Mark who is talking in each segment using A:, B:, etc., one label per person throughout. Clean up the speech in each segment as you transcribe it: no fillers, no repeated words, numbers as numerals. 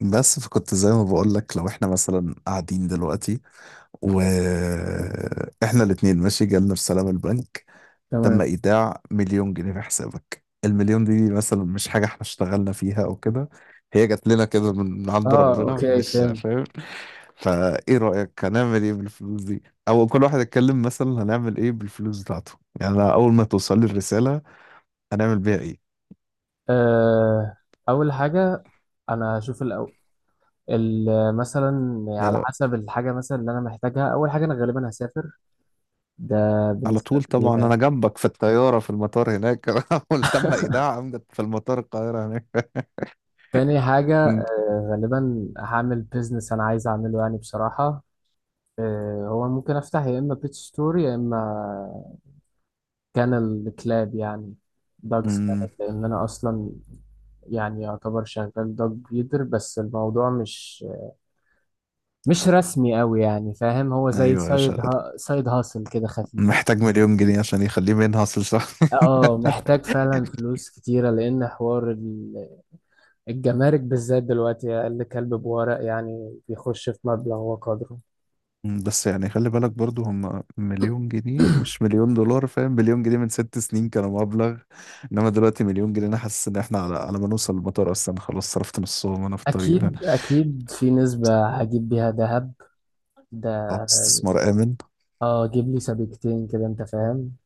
A: بس فكنت زي ما بقول لك، لو احنا مثلا قاعدين دلوقتي واحنا الاتنين ماشي، جالنا رسالة من البنك: تم
B: تمام.
A: ايداع مليون جنيه في حسابك. المليون دي مثلا مش حاجة احنا اشتغلنا فيها او كده، هي جات لنا كده من عند
B: اه،
A: ربنا،
B: اوكي،
A: مش
B: فهمت.
A: فاهم. فايه رأيك، هنعمل ايه بالفلوس دي؟ او كل واحد يتكلم مثلا هنعمل ايه بالفلوس بتاعته. يعني أنا اول ما توصل لي الرسالة هنعمل بيها ايه؟
B: آه، اول حاجه، انا هشوف الاول. مثلا على
A: يعني
B: حسب الحاجه، مثلا اللي انا محتاجها، اول حاجه انا غالبا هسافر، ده
A: على
B: بنسبه
A: طول طبعا
B: كبيره
A: انا
B: يعني.
A: جنبك في الطياره في المطار هناك. تم ايداع عمدة في المطار القاهره هناك.
B: تاني حاجه،
A: أمم،
B: غالبا هعمل بيزنس انا عايز اعمله يعني بصراحه. هو ممكن افتح يا اما بيت ستور، يا اما كانل كلاب، يعني دوجز كانل،
A: أمم،
B: لان انا اصلا يعني يعتبر شغال دوج بريدر، بس الموضوع مش رسمي قوي يعني، فاهم، هو زي
A: ايوه، يا شغل
B: سايد هاسل كده خفيف.
A: محتاج مليون جنيه عشان يخليه منحصر، صح.
B: اه، محتاج فعلا فلوس كتيرة، لأن حوار الجمارك بالذات دلوقتي أقل كلب بورق يعني بيخش في مبلغ وقدره.
A: بس يعني خلي بالك برضو، هم مليون جنيه مش مليون دولار، فاهم؟ مليون جنيه من 6 سنين كانوا مبلغ، انما دلوقتي مليون جنيه انا حاسس ان احنا على ما نوصل المطار اصلا خلاص صرفت نصهم وانا في الطريق.
B: أكيد أكيد في نسبة هجيب بيها دهب ده،
A: اه، استثمار امن.
B: اه، أجيب لي سبيكتين كده، أنت فاهم.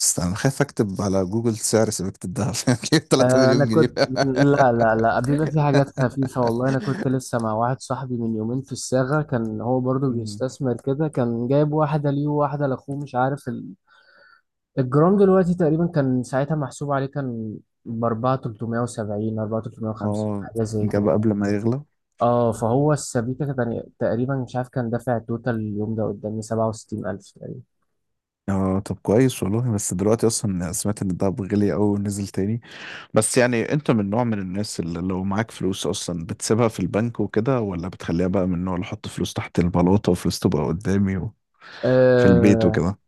A: بس انا خايف اكتب على جوجل سعر سبيكة الذهب،
B: انا
A: 3
B: كنت.
A: مليون جنيه.
B: لا، لا، لا، بيبقى في حاجات خفيفه والله. انا كنت لسه مع واحد صاحبي من يومين في الصاغه، كان هو برضو بيستثمر كده، كان جايب واحده ليه وواحده لاخوه، مش عارف الجرام دلوقتي تقريبا كان ساعتها محسوب عليه، كان ب 4370 4350
A: اه،
B: حاجه زي
A: جاب
B: كده.
A: قبل ما يغلى.
B: اه، فهو السبيكه كان تقريبا، مش عارف، كان دافع توتال اليوم ده قدامي 67000 تقريبا.
A: اه طب كويس والله، بس دلوقتي اصلا سمعت ان الدهب غلي قوي ونزل تاني. بس يعني انت من نوع من الناس اللي لو معاك فلوس اصلا بتسيبها في البنك وكده، ولا بتخليها بقى من النوع اللي احط فلوس تحت البلاطة وفلوس تبقى قدامي وفي البيت
B: آه،
A: وكده؟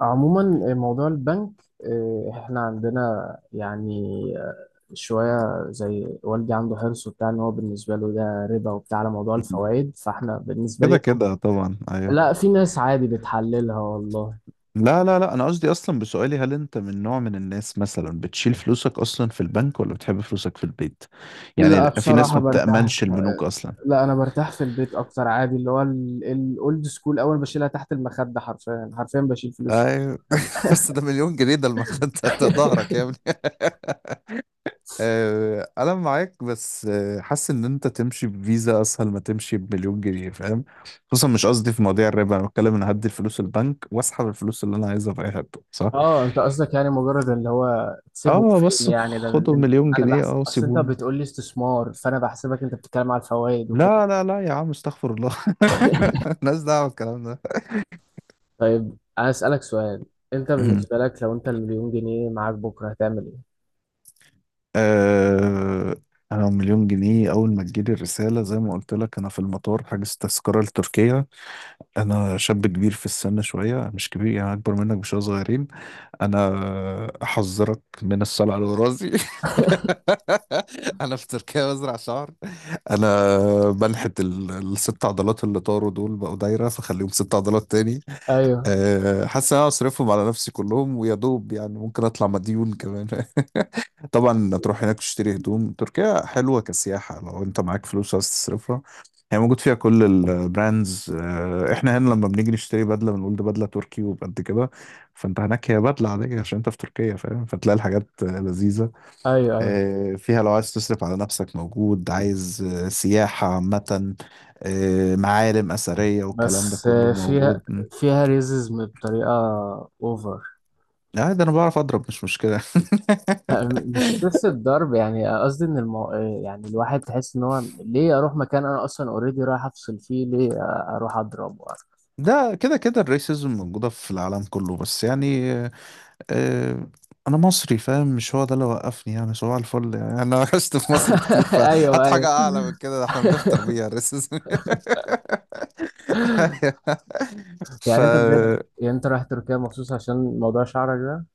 B: عموما، موضوع البنك، احنا عندنا يعني شوية، زي والدي عنده حرص وبتاع، ان هو بالنسبة له ده ربا وبتاع على موضوع الفوائد، فاحنا بالنسبة لي،
A: كده كده طبعا، ايوه.
B: لا، في ناس عادي بتحللها والله.
A: لا لا لا، انا قصدي اصلا بسؤالي هل انت من نوع من الناس مثلا بتشيل فلوسك اصلا في البنك ولا بتحب فلوسك في البيت؟ يعني
B: لا،
A: في ناس
B: بصراحة
A: ما
B: برتاح.
A: بتأمنش البنوك اصلا.
B: لا، انا برتاح في البيت اكتر عادي، اللي هو الاولد سكول، اول بشيلها تحت المخدة، حرفيا حرفيا بشيل فلوس.
A: ايوه، بس ده مليون جنيه، ده المخدة، ده ظهرك يا ابني. انا معاك، بس حاسس ان انت تمشي بفيزا اسهل ما تمشي بمليون جنيه، فاهم؟ خصوصا مش قصدي في مواضيع الربا، انا بتكلم ان هدي الفلوس البنك واسحب الفلوس اللي انا عايزها في اي حته، صح.
B: اه، انت قصدك يعني مجرد اللي هو تسيبهم
A: اه
B: فين
A: بس
B: يعني، ده
A: خدوا مليون
B: انا
A: جنيه اه
B: بحسب، اصل انت
A: وسيبوني.
B: بتقول لي استثمار فانا بحسبك انت بتتكلم على الفوائد وكده.
A: لا لا لا يا عم، استغفر الله. الناس دعوه بالكلام ده.
B: طيب انا اسالك سؤال، انت بالنسبه لك لو انت المليون جنيه معاك بكره هتعمل ايه؟
A: آه، انا مليون جنيه اول ما تجيلي الرساله زي ما قلت لك انا في المطار حاجز تذكره لتركيا. انا شاب كبير في السن شويه، مش كبير يعني، اكبر منك بشويه صغيرين. انا احذرك من الصلع على راسي. انا في تركيا بزرع شعر. انا بنحت الست عضلات اللي طاروا دول بقوا دايره، فخليهم ست عضلات تاني.
B: ايوه،
A: حاسس ان انا اصرفهم على نفسي كلهم ويا دوب، يعني ممكن اطلع مديون كمان. طبعا تروح هناك تشتري هدوم، تركيا حلوة كسياحة لو انت معاك فلوس عايز تصرفها. هي موجود فيها كل البراندز، احنا هنا لما بنيجي نشتري بدلة بنقول ده بدلة تركي وبقد كده. فانت هناك هي بدلة عادية عشان انت في تركيا، فاهم؟ فتلاقي الحاجات لذيذة.
B: ايوه، ايوه.
A: فيها لو عايز تصرف على نفسك موجود، عايز سياحة عامة، معالم أثرية والكلام ده
B: بس
A: كله موجود
B: فيها
A: م.
B: فيها ريزيزم بطريقه اوفر.
A: ده انا بعرف اضرب، مش مشكلة.
B: مش نفس الضرب يعني، قصدي ان المو... آه، يعني الواحد تحس ان هو ليه اروح مكان انا اصلا اوريدي رايح افصل فيه، ليه اروح اضرب؟
A: ده كده كده الريسيزم موجودة في العالم كله، بس يعني آه، انا مصري، فاهم؟ مش هو ده اللي وقفني يعني، صباح الفل يعني، انا عشت في مصر كتير، فهات
B: ايوه،
A: حاجه
B: ايوه.
A: اعلى من كده، ده احنا بنفطر بيها الريسس. ف
B: يعني انت بجد، يعني انت رايح تركيا مخصوص عشان موضوع شعرك ده،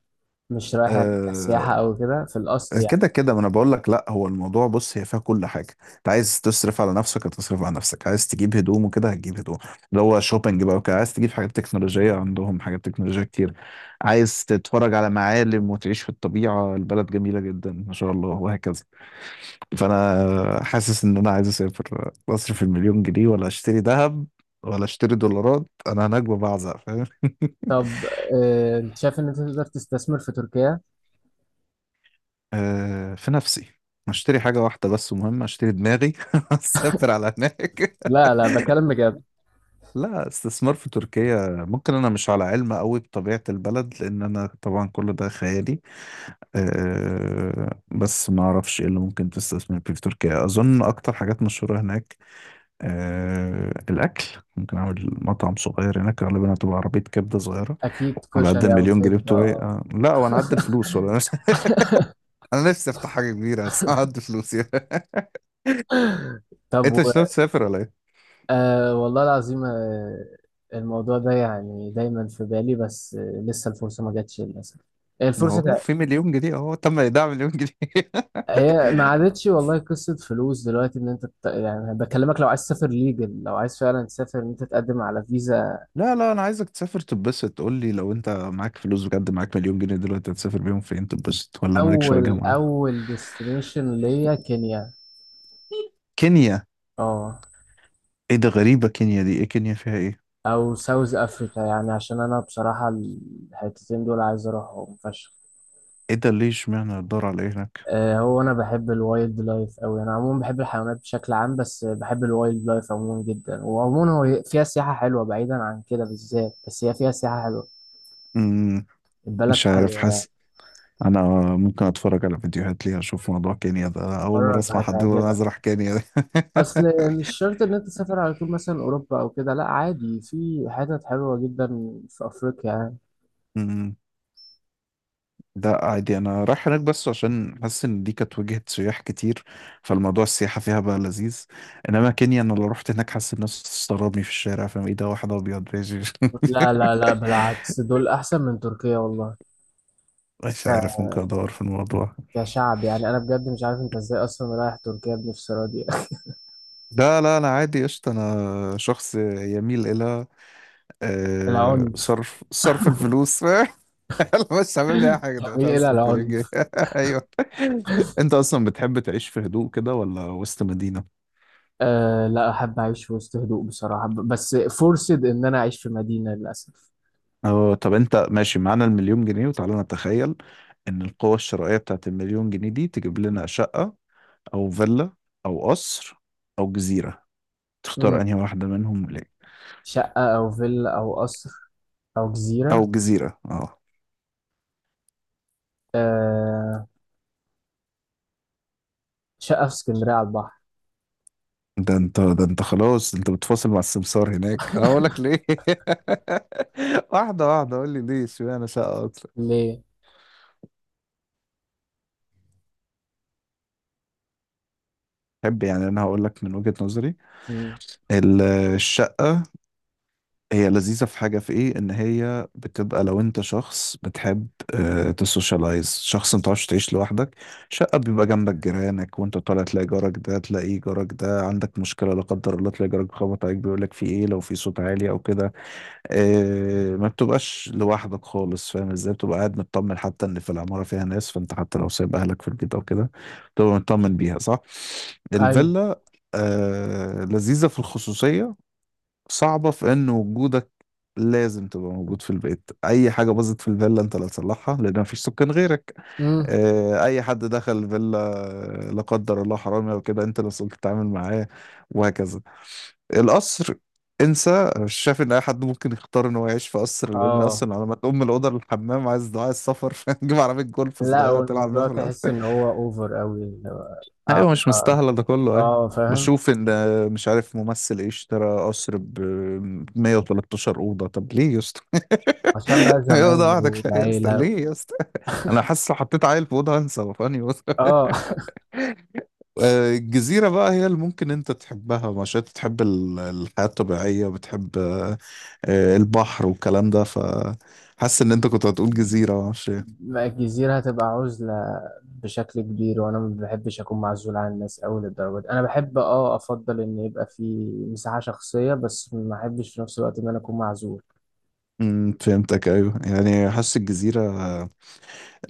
B: مش رايح يعني
A: آه،
B: كسياحة او كده في الاصل يعني.
A: كده كده، ما انا بقول لك، لا هو الموضوع بص، هي فيها كل حاجه. انت عايز تصرف على نفسك هتصرف على نفسك، عايز تجيب هدوم وكده هتجيب هدوم، اللي هو شوبينج بقى وكده. عايز تجيب حاجات تكنولوجيه عندهم حاجات تكنولوجيه كتير، عايز تتفرج على معالم وتعيش في الطبيعه البلد جميله جدا ما شاء الله، وهكذا. فانا حاسس ان انا عايز اسافر اصرف المليون جنيه، ولا اشتري ذهب، ولا اشتري دولارات. انا هناك ببعزق، فاهم؟
B: طب، اه، انت شايف ان انت تقدر تستثمر في تركيا؟
A: في نفسي اشتري حاجة واحدة بس مهمة، اشتري دماغي. اسافر على هناك.
B: لا، لا، بكلم بجد.
A: لا، استثمار في تركيا ممكن، انا مش على علم قوي بطبيعة البلد لان انا طبعا كل ده خيالي. بس ما اعرفش ايه اللي ممكن تستثمر فيه في تركيا. اظن اكتر حاجات مشهورة هناك الأكل. ممكن أعمل مطعم صغير هناك، غالبا هتبقى عربية كبدة صغيرة
B: اكيد
A: على قد
B: كشري او
A: المليون جنيه
B: كده،
A: بتوعي.
B: اه.
A: لا، وأنا قد الفلوس ولا؟ أنا أنا نفسي أفتح حاجة كبيرة بس أنا قد فلوس يعني.
B: طب
A: أنت مش ناوي تسافر ولا إيه؟
B: آه، والله العظيم، الموضوع ده يعني دايما في بالي، بس لسه الفرصة ما جاتش للاسف.
A: إن
B: الفرصة
A: هو
B: جا-
A: في مليون جنيه أهو، تم إيداع مليون جنيه.
B: هي ما عادتش والله، قصة فلوس دلوقتي، ان انت يعني بكلمك، لو عايز تسافر ليجل، لو عايز فعلا تسافر ان انت تقدم على فيزا.
A: لا لا، أنا عايزك تسافر تتبسط، قول لي لو أنت معاك فلوس بجد، معاك مليون جنيه دلوقتي هتسافر بيهم فين تتبسط، ولا مالكش وجهة
B: اول
A: معاك؟
B: اول ديستنيشن ليا كينيا.
A: كينيا؟
B: اه،
A: إيه ده، غريبة، كينيا دي إيه، كينيا فيها إيه؟
B: او ساوث افريكا، يعني عشان انا بصراحه الحتتين دول عايز اروحهم فشخ.
A: إيه ده، ليه، اشمعنى الدار على إيه هناك؟
B: هو انا بحب الوايلد لايف اوي، انا عموما بحب الحيوانات بشكل عام، بس بحب الوايلد لايف عموما جدا، وعموما هو فيها سياحه حلوه بعيدا عن كده بالذات، بس هي فيها سياحه حلوه.
A: مم،
B: البلد
A: مش عارف،
B: حلوه يعني.
A: حاسس انا ممكن اتفرج على فيديوهات ليها اشوف موضوع كينيا ده، اول مره
B: مرة
A: اسمع حد يقول انا
B: هتعجبك.
A: عايز اروح كينيا ده.
B: اصل مش شرط ان انت تسافر على طول مثلا اوروبا او كده، لا عادي في حتت حلوه جدا في افريقيا يعني.
A: أمم. لا عادي، انا رايح هناك بس عشان حاسس ان دي كانت وجهة سياح كتير، فالموضوع السياحة فيها بقى لذيذ. انما كينيا انا لو رحت هناك حاسس الناس تستغربني في الشارع، فاهم، ايه ده واحد ابيض بيجي.
B: لا، لا، لا، بالعكس دول احسن من تركيا والله.
A: مش عارف،
B: ك-
A: ممكن ادور في الموضوع.
B: كشعب يعني، انا بجد مش عارف انت ازاي اصلا رايح تركيا بنفسرة دي.
A: لا لا، انا عادي قشطة، انا شخص يميل الى
B: العنف.
A: صرف صرف الفلوس. يلا بس عامل لي اي حاجه ده،
B: بتميل الى
A: هتصرف مليون جنيه.
B: العنف.
A: ايوه. انت اصلا بتحب تعيش في هدوء كده ولا وسط مدينه؟
B: أه لا، احب اعيش في وسط هدوء بصراحة، بس فرصد ان انا اعيش في مدينة للاسف.
A: اه طب، انت ماشي معانا المليون جنيه وتعالى نتخيل ان القوة الشرائية بتاعت المليون جنيه دي تجيب لنا شقة، او فيلا، او قصر، او جزيرة، تختار
B: مم.
A: انهي واحدة منهم ليه؟
B: شقة او فيلا او قصر او جزيرة؟
A: او جزيرة، اه.
B: أه، شقة في اسكندرية على البحر.
A: ده انت، ده انت خلاص انت بتفاصل مع السمسار هناك، انا بقول لك ليه. واحده واحده، قول لي ليه، اشمعنى شقه اكتر
B: ليه؟
A: تحب؟ يعني انا هقول لك من وجهة نظري،
B: مم.
A: ال- الشقة هي لذيذة في حاجة، في ايه؟ ان هي بتبقى لو انت شخص بتحب تسوشيالايز، شخص ما بتعرفش تعيش لوحدك. شقة بيبقى جنبك جيرانك، وانت طالع تلاقي جارك ده، تلاقي جارك ده عندك مشكلة لا قدر الله تلاقي جارك بيخبط عليك بيقول لك في ايه لو في صوت عالي او كده، ما بتبقاش لوحدك خالص، فاهم ازاي؟ بتبقى قاعد مطمن حتى ان في العمارة فيها ناس، فانت حتى لو سايب اهلك في البيت او كده بتبقى مطمن بيها، صح.
B: ايوه.
A: الفيلا لذيذة في الخصوصية، صعبة في ان وجودك لازم تبقى موجود في البيت، اي حاجة باظت في الفيلا انت اللي هتصلحها لان مفيش سكان غيرك.
B: مم.
A: اي حد دخل الفيلا لا قدر الله حرامي او كده انت اللي مسؤول تتعامل معاه، وهكذا. القصر، انسى، مش شايف ان اي حد ممكن يختار ان هو يعيش في قصر، لان
B: اه
A: اصلا على ما تقوم من الاوضه للحمام عايز دعاء السفر، تجيب عربيه جولف
B: لا،
A: صغيره تلعب بيها
B: والموضوع
A: في القصر.
B: تحس ان هو اوفر قوي.
A: ايوه،
B: اه،
A: مش
B: اه.
A: مستاهله ده كله، ايوه.
B: آه، فاهم.
A: بشوف ان، مش عارف ممثل ايه اشترى قصر ب 113 اوضه، طب ليه يا اسطى؟
B: عشان بقى
A: هي اوضه
B: الزمايل
A: واحده كفايه يا اسطى،
B: والعيلة
A: ليه يا اسطى؟ انا حاسس لو حطيت عيل في اوضه هنسى وفاني بس.
B: اه.
A: الجزيره بقى هي اللي ممكن انت تحبها، مش انت تحب الحياه الطبيعيه وبتحب البحر والكلام ده، ف حاسس ان انت كنت هتقول جزيره معرفش ايه.
B: ما الجزيرة هتبقى عزلة بشكل كبير، وانا ما بحبش اكون معزول عن الناس اوي للدرجة دي، انا بحب، اه، افضل ان يبقى في مساحة شخصية، بس ما احبش في نفس الوقت ان انا اكون معزول.
A: فهمتك، ايوه يعني، حاسس الجزيره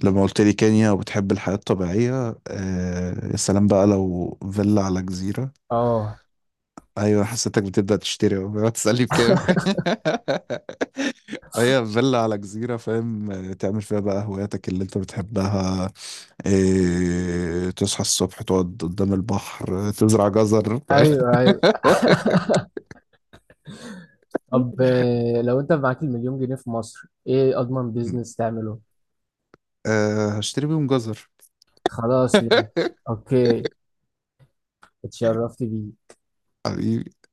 A: لما قلت لي كينيا وبتحب الحياة الطبيعية، يا سلام بقى لو فيلا على جزيرة.
B: اه،
A: أيوة، حسيتك بتبدأ تشتري، بقى تسألني بكام. هي فيلا على جزيرة، فاهم، تعمل فيها بقى هواياتك اللي أنت بتحبها، تصحى الصبح تقعد قدام البحر، تزرع جزر، فاهم.
B: ايوه، ايوه. طب، لو انت معاك المليون جنيه في مصر، ايه اضمن بيزنس تعمله؟
A: هشتري بيهم جزر.
B: خلاص، ماشي، اوكي، اتشرفت بيه.
A: حبيبي.